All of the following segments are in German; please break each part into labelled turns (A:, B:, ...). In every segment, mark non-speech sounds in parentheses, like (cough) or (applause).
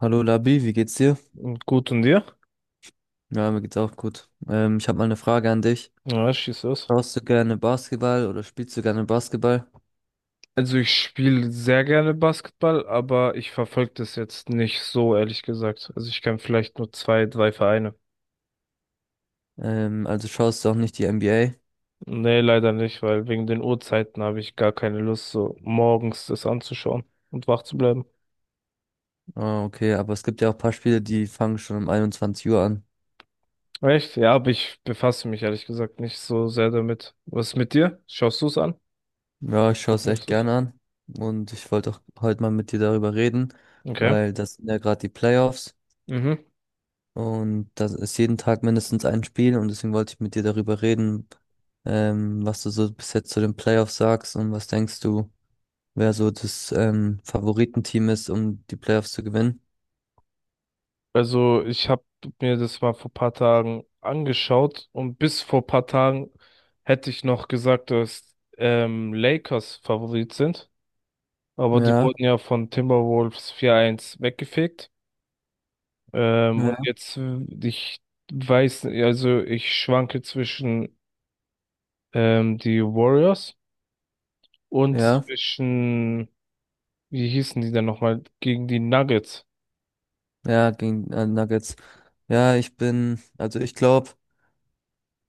A: Hallo Labi, wie geht's dir?
B: Und gut, und dir?
A: Ja, mir geht's auch gut. Ich habe mal eine Frage an dich.
B: Ja, schieß los.
A: Schaust du gerne Basketball oder spielst du gerne Basketball?
B: Also ich spiele sehr gerne Basketball, aber ich verfolge das jetzt nicht so, ehrlich gesagt. Also ich kenne vielleicht nur zwei, drei Vereine.
A: Also schaust du auch nicht die NBA?
B: Nee, leider nicht, weil wegen den Uhrzeiten habe ich gar keine Lust, so morgens das anzuschauen und wach zu bleiben.
A: Ah, okay, aber es gibt ja auch ein paar Spiele, die fangen schon um 21 Uhr an.
B: Echt? Ja, aber ich befasse mich ehrlich gesagt nicht so sehr damit. Was ist mit dir? Schaust du es an?
A: Ja, ich schaue es
B: Verfolgst
A: echt
B: du es?
A: gerne an und ich wollte auch heute mal mit dir darüber reden,
B: Okay.
A: weil das sind ja gerade die Playoffs
B: Mhm.
A: und das ist jeden Tag mindestens ein Spiel und deswegen wollte ich mit dir darüber reden, was du so bis jetzt zu den Playoffs sagst und was denkst du, wer so das Favoritenteam ist, um die Playoffs zu gewinnen.
B: Also ich habe mir das mal vor paar Tagen angeschaut, und bis vor paar Tagen hätte ich noch gesagt, dass Lakers Favorit sind, aber die
A: Ja,
B: wurden ja von Timberwolves 4-1 weggefegt. Und
A: ja,
B: jetzt, ich weiß, also ich schwanke zwischen die Warriors und
A: ja,
B: zwischen, wie hießen die denn nochmal, gegen die Nuggets.
A: ja, gegen Nuggets. Ja, ich bin, also ich glaube,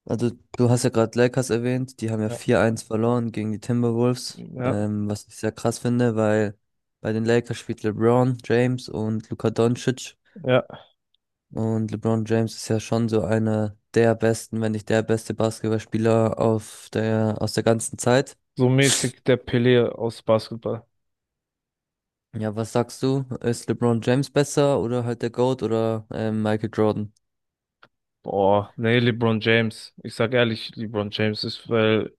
A: also du hast ja gerade Lakers erwähnt, die haben ja
B: Ja,
A: 4-1 verloren gegen die Timberwolves,
B: ja,
A: was ich sehr krass finde, weil bei den Lakers spielt LeBron James und Luka Doncic
B: ja.
A: und LeBron James ist ja schon so einer der besten, wenn nicht der beste Basketballspieler auf der, aus der ganzen Zeit.
B: So mäßig der Pelé aus Basketball.
A: Ja, was sagst du? Ist LeBron James besser oder halt der GOAT oder Michael Jordan?
B: Boah, nee, LeBron James. Ich sag ehrlich, LeBron James ist, weil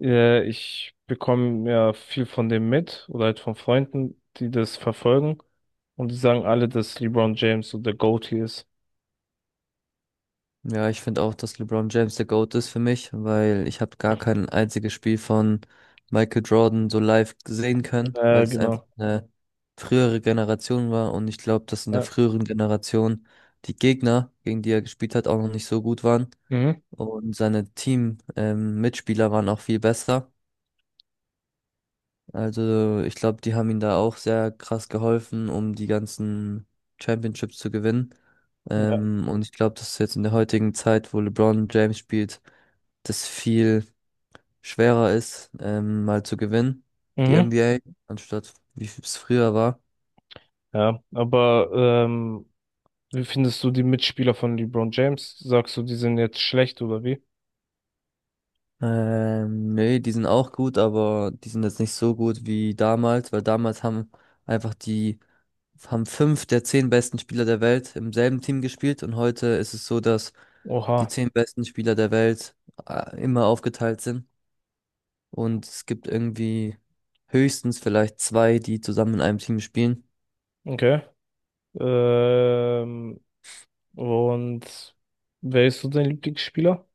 B: ich bekomme ja viel von dem mit, oder halt von Freunden, die das verfolgen. Und die sagen alle, dass LeBron James so der GOAT hier ist.
A: Ja, ich finde auch, dass LeBron James der GOAT ist für mich, weil ich habe gar
B: (laughs)
A: kein einziges Spiel von Michael Jordan so live sehen können, weil es einfach
B: Genau.
A: eine frühere Generation war und ich glaube, dass in der
B: Ja.
A: früheren Generation die Gegner, gegen die er gespielt hat, auch noch nicht so gut waren
B: Mhm.
A: und seine Team-Mitspieler waren auch viel besser. Also, ich glaube, die haben ihm da auch sehr krass geholfen, um die ganzen Championships zu gewinnen.
B: Ja.
A: Und ich glaube, dass jetzt in der heutigen Zeit, wo LeBron James spielt, das viel schwerer ist, mal zu gewinnen, die
B: Mhm.
A: NBA, anstatt wie es früher war.
B: Ja. Aber wie findest du die Mitspieler von LeBron James? Sagst du, die sind jetzt schlecht, oder wie?
A: Nee, die sind auch gut, aber die sind jetzt nicht so gut wie damals, weil damals haben einfach die, haben fünf der zehn besten Spieler der Welt im selben Team gespielt und heute ist es so, dass
B: Oha,
A: die zehn besten Spieler der Welt immer aufgeteilt sind und es gibt irgendwie höchstens vielleicht zwei, die zusammen in einem Team spielen.
B: okay. Ähm, und wer ist so dein Lieblingsspieler?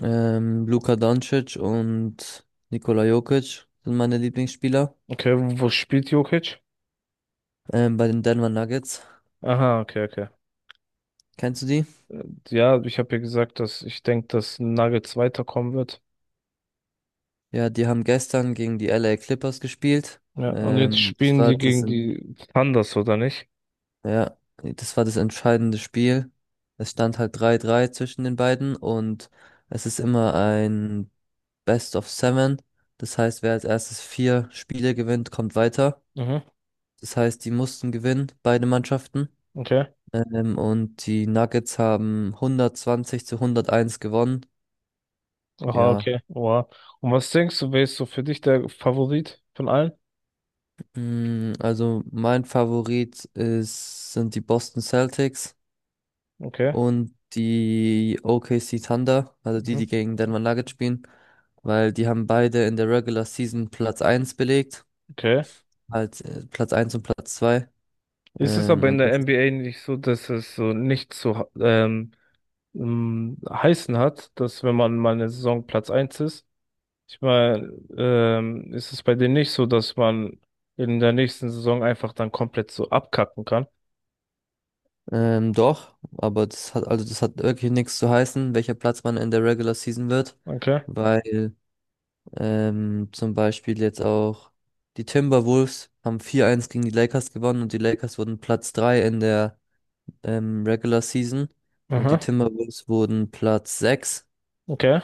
A: Luka Doncic und Nikola Jokic sind meine Lieblingsspieler,
B: Okay, wo spielt Jokic?
A: bei den Denver Nuggets.
B: Aha, okay, okay.
A: Kennst du die?
B: Ja, ich habe ja gesagt, dass ich denke, dass Nuggets weiterkommen wird.
A: Ja, die haben gestern gegen die LA Clippers gespielt.
B: Ja, und okay. Jetzt
A: Das
B: spielen
A: war
B: die
A: das,
B: gegen die Thunders, oder nicht?
A: ja, das war das entscheidende Spiel. Es stand halt 3-3 zwischen den beiden und es ist immer ein Best of Seven. Das heißt, wer als erstes vier Spiele gewinnt, kommt weiter.
B: Mhm,
A: Das heißt, die mussten gewinnen, beide Mannschaften.
B: okay.
A: Und die Nuggets haben hundertzwanzig zu 101 gewonnen.
B: Aha,
A: Ja,
B: okay. Wow. Und was denkst du, wer ist so für dich der Favorit von allen?
A: also mein Favorit ist, sind die Boston Celtics
B: Okay.
A: und die OKC Thunder, also die,
B: Mhm.
A: die gegen Denver Nuggets spielen, weil die haben beide in der Regular Season Platz eins belegt,
B: Okay.
A: halt Platz eins und Platz zwei.
B: Ist es
A: Ähm,
B: aber in
A: und
B: der
A: das,
B: NBA nicht so, dass es so nicht so heißen hat, dass wenn man mal eine Saison Platz eins ist, ich meine, ist es bei denen nicht so, dass man in der nächsten Saison einfach dann komplett so abkacken kann?
A: doch, aber das hat, also das hat wirklich nichts zu heißen, welcher Platz man in der Regular Season wird,
B: Okay.
A: weil zum Beispiel jetzt auch die Timberwolves haben 4-1 gegen die Lakers gewonnen und die Lakers wurden Platz 3 in der Regular Season und die
B: Aha.
A: Timberwolves wurden Platz sechs.
B: Okay.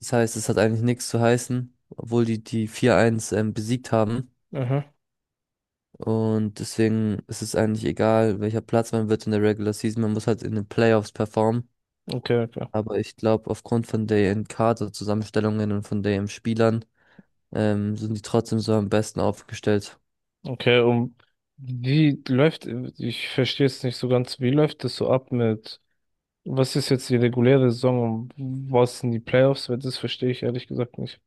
A: Das heißt, es hat eigentlich nichts zu heißen, obwohl die die 4-1 besiegt haben.
B: Aha.
A: Und deswegen ist es eigentlich egal, welcher Platz man wird in der Regular Season. Man muss halt in den Playoffs performen.
B: Okay, okay.
A: Aber ich glaube, aufgrund von deren Kaderzusammenstellungen und von deren Spielern sind die trotzdem so am besten aufgestellt.
B: Okay, um wie läuft, ich verstehe es nicht so ganz, wie läuft das so ab mit, was ist jetzt die reguläre Saison und was sind die Playoffs? Weil das verstehe ich ehrlich gesagt nicht.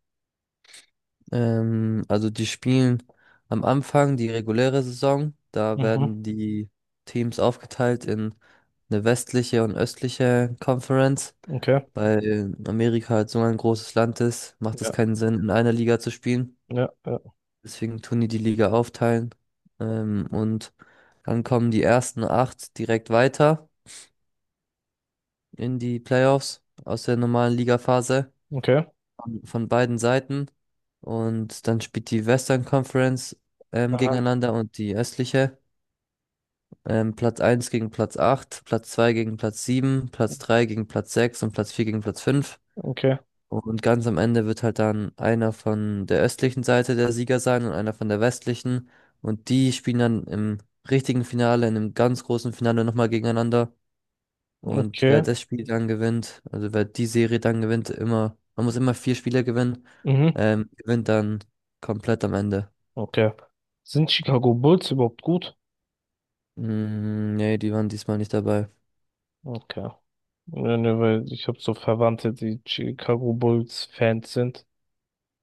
A: Also die spielen am Anfang die reguläre Saison. Da
B: Mhm.
A: werden die Teams aufgeteilt in eine westliche und östliche Conference.
B: Okay.
A: Weil Amerika halt so ein großes Land ist, macht es
B: Ja.
A: keinen Sinn, in einer Liga zu spielen.
B: Ja. Ja.
A: Deswegen tun die die Liga aufteilen. Und dann kommen die ersten acht direkt weiter in die Playoffs aus der normalen Ligaphase,
B: Okay.
A: von beiden Seiten. Und dann spielt die Western Conference
B: Aha.
A: gegeneinander und die östliche. Platz eins gegen Platz acht, Platz 2 gegen Platz sieben, Platz 3 gegen Platz 6 und Platz 4 gegen Platz fünf.
B: Okay.
A: Und ganz am Ende wird halt dann einer von der östlichen Seite der Sieger sein und einer von der westlichen. Und die spielen dann im richtigen Finale, in einem ganz großen Finale nochmal gegeneinander. Und wer
B: Okay.
A: das Spiel dann gewinnt, also wer die Serie dann gewinnt, immer, man muss immer vier Spiele gewinnen,
B: Mhm.
A: gewinnt dann komplett am Ende.
B: Okay. Sind Chicago Bulls überhaupt gut?
A: Mm, nee, die waren diesmal nicht dabei.
B: Okay. Ja, ne, weil ich habe so Verwandte, die Chicago Bulls Fans sind.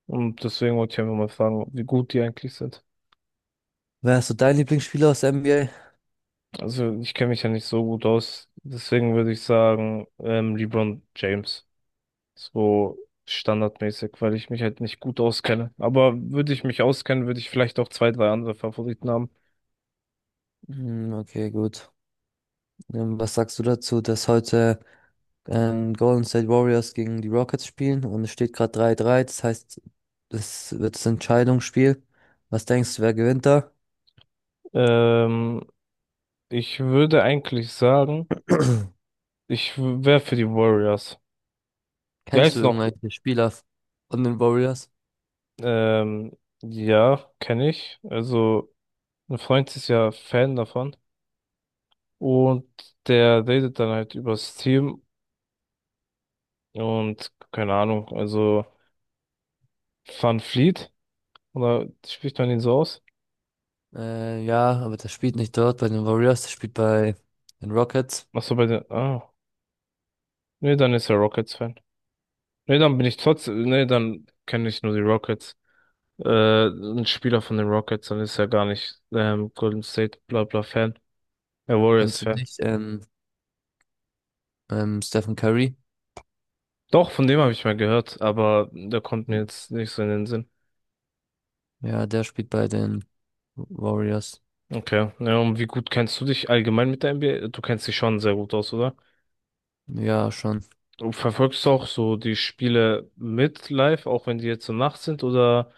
B: Und deswegen wollte ich einfach mal fragen, wie gut die eigentlich sind.
A: Wer ist so dein Lieblingsspieler aus der NBA?
B: Also ich kenne mich ja nicht so gut aus. Deswegen würde ich sagen, LeBron James. So standardmäßig, weil ich mich halt nicht gut auskenne. Aber würde ich mich auskennen, würde ich vielleicht auch zwei, drei andere Favoriten haben.
A: Mm, okay, gut. Was sagst du dazu, dass heute Golden State Warriors gegen die Rockets spielen und es steht gerade 3-3, das heißt, das wird das Entscheidungsspiel. Was denkst du, wer gewinnt da?
B: Ähm, ich würde eigentlich sagen, ich wäre für die Warriors. Die
A: Kennst du
B: heißt noch,
A: irgendwelche Spieler von den Warriors?
B: ähm, ja, kenne ich. Also, ein Freund ist ja Fan davon, und der redet dann halt übers Team, und keine Ahnung, also Van Fleet, oder spricht man ihn so aus?
A: Ja, aber der spielt nicht dort bei den Warriors, der spielt bei den Rockets.
B: Ach so, bei den, ah, nee, dann ist er Rockets-Fan. Nee, dann bin ich trotzdem, nee, dann kenne ich nur die Rockets. Ein Spieler von den Rockets, dann ist er gar nicht Golden State bla bla Fan, er
A: Kennst du
B: Warriors-Fan.
A: nicht? Stephen Curry.
B: Doch, von dem habe ich mal gehört, aber der kommt mir jetzt nicht so in den Sinn.
A: Ja, der spielt bei den Warriors.
B: Okay. Ja, und wie gut kennst du dich allgemein mit der NBA? Du kennst dich schon sehr gut aus, oder?
A: Ja, schon.
B: Du verfolgst auch so die Spiele mit live, auch wenn die jetzt so Nacht sind, oder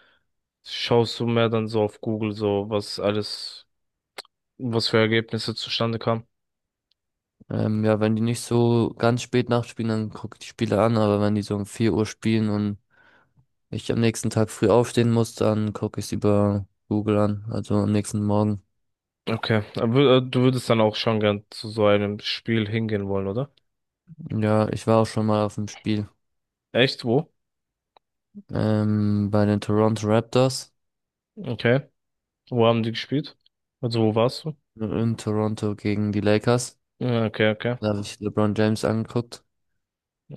B: schaust du mehr dann so auf Google, so was alles, was für Ergebnisse zustande kamen?
A: Ja, wenn die nicht so ganz spät nachspielen, dann gucke ich die Spiele an, aber wenn die so um 4 Uhr spielen und ich am nächsten Tag früh aufstehen muss, dann gucke ich es über Google an, also am nächsten Morgen.
B: Okay. Aber, du würdest dann auch schon gern zu so einem Spiel hingehen wollen, oder?
A: Ja, ich war auch schon mal auf dem Spiel
B: Echt? Wo?
A: bei den Toronto Raptors
B: Okay. Wo haben die gespielt? Also wo warst du?
A: in Toronto gegen die Lakers.
B: Ja, okay, okay.
A: Da habe ich LeBron James angeguckt.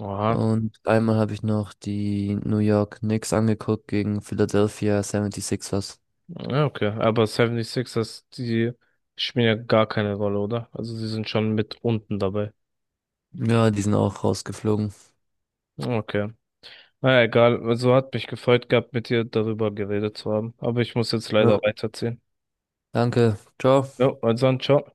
B: Oha.
A: Und einmal habe ich noch die New York Knicks angeguckt gegen Philadelphia 76ers.
B: Ja, okay. Aber 76ers, die spielen ja gar keine Rolle, oder? Also sie sind schon mit unten dabei.
A: Ja, die sind auch rausgeflogen.
B: Okay. Na ja, egal, also hat mich gefreut gehabt, mit dir darüber geredet zu haben. Aber ich muss jetzt leider
A: Ja.
B: weiterziehen.
A: Danke. Ciao.
B: Jo, also dann, ciao.